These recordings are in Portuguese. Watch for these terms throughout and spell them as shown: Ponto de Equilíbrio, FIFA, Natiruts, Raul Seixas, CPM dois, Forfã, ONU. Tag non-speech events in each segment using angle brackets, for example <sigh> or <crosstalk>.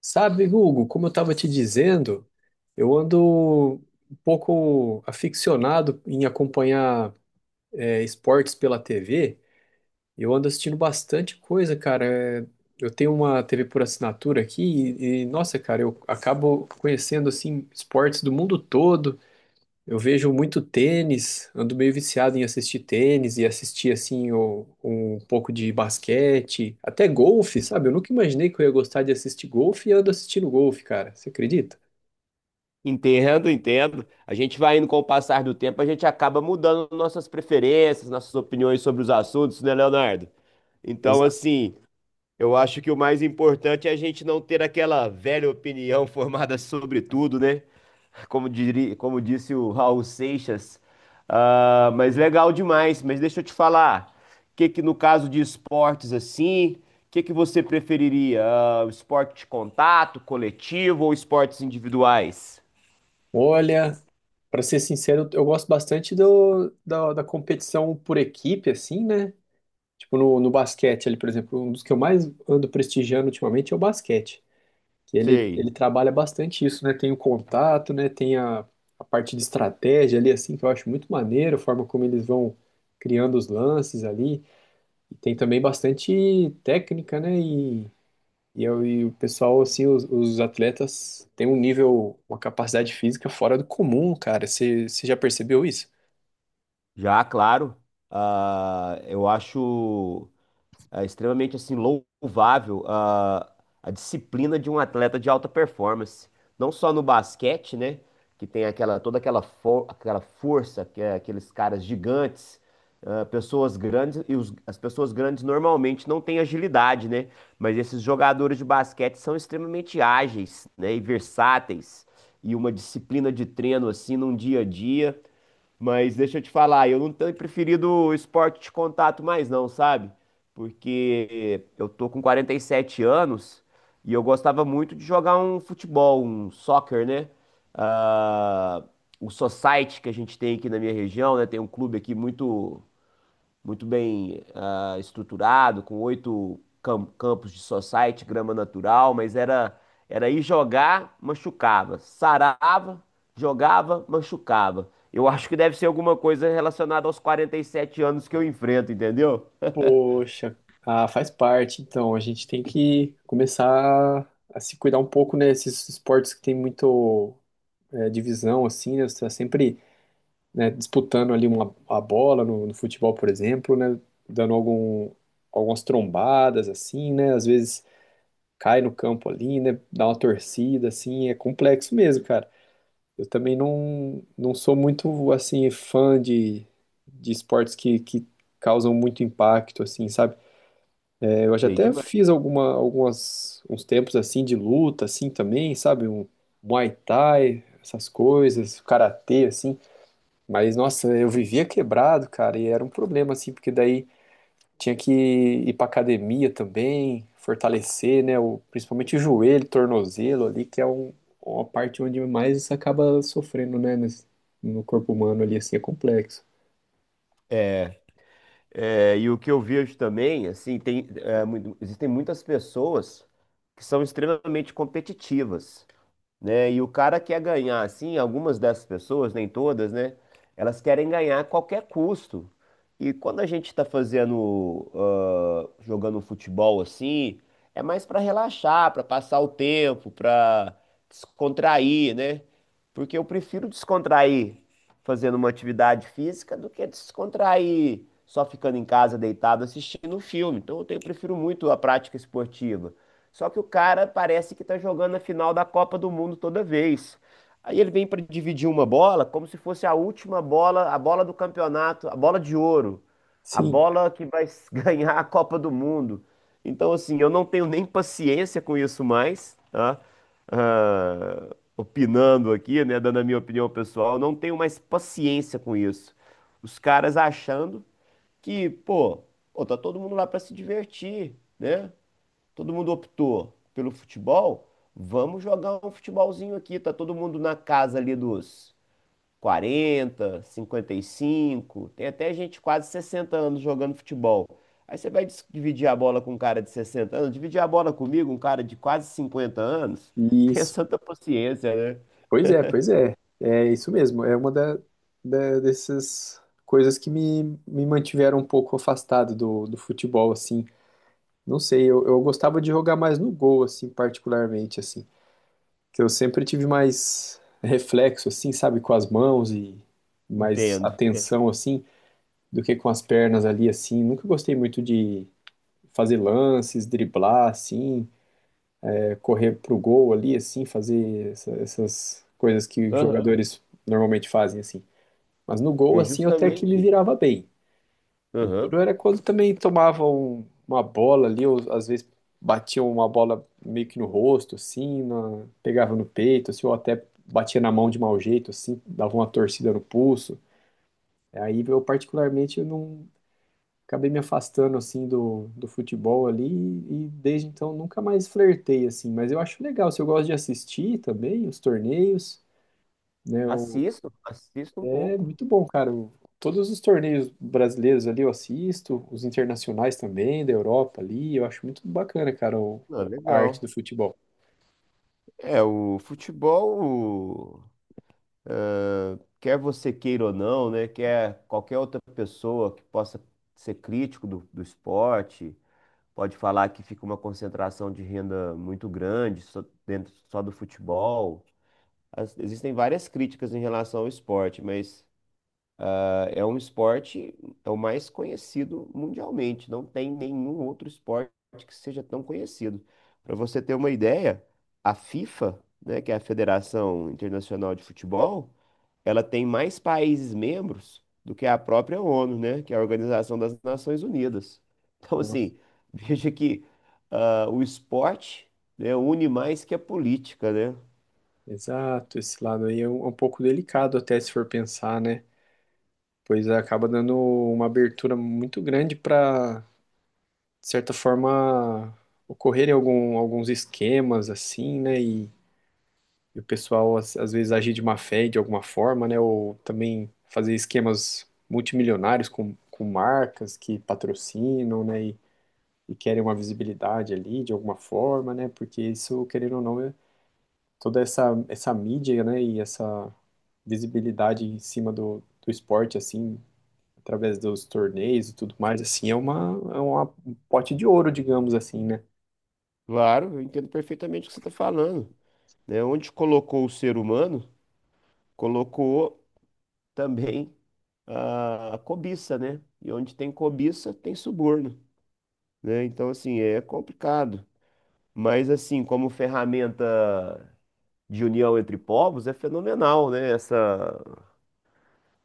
Sabe, Hugo, como eu estava te dizendo, eu ando um pouco aficionado em acompanhar esportes pela TV. Eu ando assistindo bastante coisa, cara. É, Eu tenho uma TV por assinatura aqui e, nossa, cara, eu acabo conhecendo assim esportes do mundo todo. Eu vejo muito tênis, ando meio viciado em assistir tênis e assistir pouco de basquete, até golfe, sabe? Eu nunca imaginei que eu ia gostar de assistir golfe e ando assistindo golfe, cara. Você acredita? Entendo, entendo. A gente vai indo com o passar do tempo, a gente acaba mudando nossas preferências, nossas opiniões sobre os assuntos, né, Leonardo? Então, Exato. assim, eu acho que o mais importante é a gente não ter aquela velha opinião <laughs> formada sobre tudo, né? Como diria, como disse o Raul Seixas. Ah, mas legal demais. Mas deixa eu te falar, o que que no caso de esportes assim, o que que você preferiria? Ah, esporte de contato, coletivo ou esportes individuais? Olha, para ser sincero, eu gosto bastante da competição por equipe, assim, né? Tipo no basquete ali, por exemplo, um dos que eu mais ando prestigiando ultimamente é o basquete. Que ele Sei, trabalha bastante isso, né? Tem o contato, né? Tem a parte de estratégia ali, assim, que eu acho muito maneiro, a forma como eles vão criando os lances ali. E tem também bastante técnica, né? E o pessoal, assim, os atletas têm um nível, uma capacidade física fora do comum, cara. Você já percebeu isso? já, claro. Ah, eu acho Extremamente assim louvável, ah, a disciplina de um atleta de alta performance, não só no basquete, né, que tem aquela, toda aquela força, que é aqueles caras gigantes, ah, pessoas grandes. E as pessoas grandes normalmente não têm agilidade, né? Mas esses jogadores de basquete são extremamente ágeis, né, e versáteis, e uma disciplina de treino assim num dia a dia. Mas deixa eu te falar, eu não tenho preferido o esporte de contato mais não, sabe? Porque eu tô com 47 anos e eu gostava muito de jogar um futebol, um soccer, né? Ah, o society que a gente tem aqui na minha região, né? Tem um clube aqui muito muito bem ah, estruturado, com oito campos de society, grama natural. Mas era, era ir jogar, machucava, sarava, jogava, machucava. Eu acho que deve ser alguma coisa relacionada aos 47 anos que eu enfrento, entendeu? Poxa, ah, faz parte. Então, a gente tem que começar a se cuidar um pouco, né? Esses esportes que tem muito divisão, assim, né? Você está sempre, né, disputando ali a bola no futebol, por exemplo, né? Dando algumas trombadas, assim, né? Às vezes cai no campo ali, né? Dá uma torcida, assim, é complexo mesmo, cara. Eu também não sou muito, assim, fã de, de esportes que causam muito impacto, assim, sabe? É, eu já Sei até demais. fiz uns tempos, assim, de luta, assim, também, sabe? Um Muay Thai, essas coisas, karatê, assim. Mas, nossa, eu vivia quebrado, cara, e era um problema, assim, porque daí tinha que ir pra academia também, fortalecer, né, o, principalmente o joelho, tornozelo ali, que é uma parte onde mais você acaba sofrendo, né, no corpo humano ali, assim, é complexo. É, e o que eu vejo também, assim, tem, existem muitas pessoas que são extremamente competitivas, né? E o cara quer ganhar, assim, algumas dessas pessoas, nem todas, né? Elas querem ganhar a qualquer custo. E quando a gente tá fazendo, jogando futebol assim, é mais pra relaxar, pra passar o tempo, pra descontrair, né? Porque eu prefiro descontrair fazendo uma atividade física do que descontrair só ficando em casa deitado assistindo um filme. Prefiro muito a prática esportiva. Só que o cara parece que tá jogando a final da Copa do Mundo toda vez. Aí ele vem pra dividir uma bola como se fosse a última bola, a bola do campeonato, a bola de ouro, a Sim, bola que vai <laughs> ganhar a Copa do Mundo. Então, assim, eu não tenho nem paciência com isso mais, tá? Ah, opinando aqui, né, dando a minha opinião pessoal, eu não tenho mais paciência com isso. Os caras achando que, pô, tá todo mundo lá pra se divertir, né? Todo mundo optou pelo futebol, vamos jogar um futebolzinho aqui. Tá todo mundo na casa ali dos 40, 55, tem até gente de quase 60 anos jogando futebol. Aí você vai dividir a bola com um cara de 60 anos, dividir a bola comigo, um cara de quase 50 anos, <laughs> tenha isso. santa paciência, né? Pois é, pois é. É isso mesmo, é uma dessas coisas que me mantiveram um pouco afastado do futebol, assim. Não sei, eu gostava de jogar mais no gol, assim, particularmente, assim. Que eu sempre tive mais reflexo, assim, sabe, com as mãos e mais Entendo. É. atenção, assim, do que com as pernas ali, assim. Nunca gostei muito de fazer lances, driblar, assim, é, correr pro gol ali, assim, fazer essas coisas que os Aham. jogadores normalmente fazem, assim. Mas no gol, E assim, eu até que me justamente, virava bem. O aham. duro era quando também tomavam uma bola ali, ou às vezes batiam uma bola meio que no rosto, assim, na pegava no peito, assim, ou até batia na mão de mau jeito, assim, dava uma torcida no pulso. Aí eu particularmente eu não, acabei me afastando assim do futebol ali e desde então nunca mais flertei assim, mas eu acho legal, se eu gosto de assistir também os torneios, né? Assisto, assisto um É pouco. muito bom, cara. O todos os torneios brasileiros ali eu assisto, os internacionais também, da Europa ali, eu acho muito bacana, cara, o Ah, a arte legal. do futebol. É, o futebol, quer você queira ou não, né? Quer qualquer outra pessoa que possa ser crítico do, do esporte, pode falar que fica uma concentração de renda muito grande só, dentro só do futebol. Existem várias críticas em relação ao esporte, mas ah, é um esporte, é o mais conhecido mundialmente. Não tem nenhum outro esporte que seja tão conhecido. Para você ter uma ideia, a FIFA, né, que é a Federação Internacional de Futebol, ela tem mais países membros do que a própria ONU, né? Que é a Organização das Nações Unidas. Então, Nossa. assim, <laughs> veja que ah, o esporte, né, une mais que a política, né? Exato, esse lado aí é um pouco delicado até se for pensar, né? Pois acaba dando uma abertura muito grande para, de certa forma, ocorrerem alguns esquemas assim, né? E o pessoal, às vezes, agir de má fé de alguma forma, né? Ou também fazer esquemas multimilionários com marcas que patrocinam, né? E querem uma visibilidade ali de alguma forma, né? Porque isso, querendo ou não, é toda essa mídia, né? E essa visibilidade em cima do esporte, assim, através dos torneios e tudo mais, assim, é um pote de ouro, digamos assim, né? Claro, eu entendo perfeitamente o que você está falando, né? Onde colocou o ser humano, colocou também a a cobiça, né? E onde tem cobiça, tem suborno, né? Então, assim, é complicado. Mas, assim, como ferramenta de união entre povos é fenomenal, né? Essa,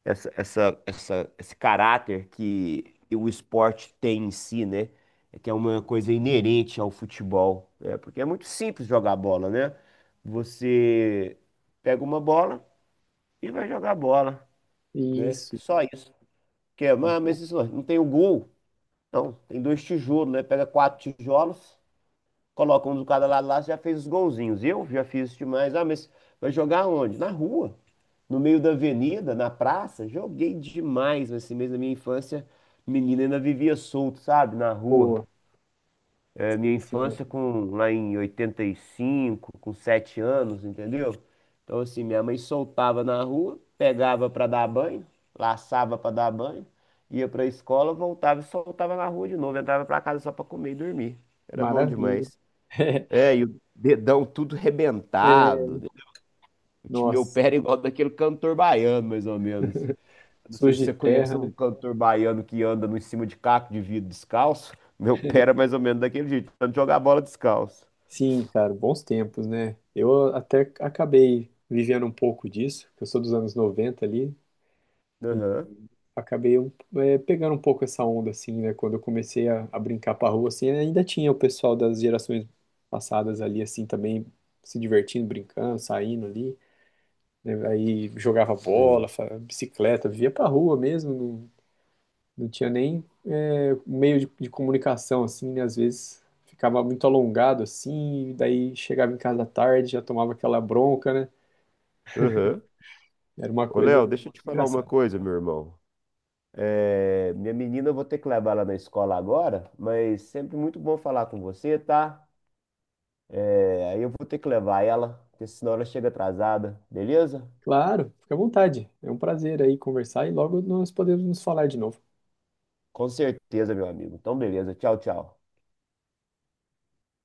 essa, essa, essa- esse caráter que o esporte tem em si, né? É Que é uma coisa inerente ao futebol, né? Porque é muito simples jogar bola, né? Você pega uma bola e vai jogar bola, né? Isso, Só isso. Que é, "Ah, mas isso não tem o gol. Não, tem dois tijolos, né? Pega quatro tijolos, coloca um do cada lado lá, você já fez os golzinhos." Eu já fiz isso demais. Ah, mas vai jogar onde? Na rua, no meio da avenida, na praça, joguei demais. Mas assim mesmo, na minha infância, menina, ainda vivia solto, sabe, na rua. boa. É, minha Sim, sim. infância, com lá em 85, com 7 anos, entendeu? Então assim, minha mãe soltava na rua, pegava pra dar banho, laçava pra dar banho, ia pra escola, voltava e soltava na rua de novo, entrava pra casa só pra comer e dormir. Era bom Maravilha. demais. É, <laughs> e o dedão tudo É, rebentado, né? O meu nossa. pé era igual daquele cantor baiano, mais ou menos. Não sei se Sujo de você conhece terra, né? um cantor baiano que anda no em cima de caco de vidro descalço. Meu pé era mais ou menos daquele jeito, tentando jogar a bola descalço. Sim, cara, bons tempos, né? Eu até acabei vivendo um pouco disso, porque eu sou dos anos 90 ali, e Aham, acabei pegando um pouco essa onda, assim, né? Quando eu comecei a brincar pra rua, assim, ainda tinha o pessoal das gerações passadas ali, assim, também se divertindo, brincando, saindo ali, né? Aí jogava bola, sei. fa- bicicleta, vivia pra rua mesmo. Não tinha nem é, meio de comunicação, assim, né? Às vezes ficava muito alongado, assim, e daí chegava em casa à tarde, já tomava aquela bronca, né? Aham. Era uma Ô, coisa Léo, deixa eu te falar uma engraçada. coisa, meu irmão. É, minha menina, eu vou ter que levar ela na escola agora, mas sempre muito bom falar com você, tá? É, aí eu vou ter que levar ela, porque senão ela chega atrasada, beleza? Claro, fica à vontade. É um prazer aí conversar e logo nós podemos nos falar de novo. Com certeza, meu amigo. Então, beleza. Tchau, tchau.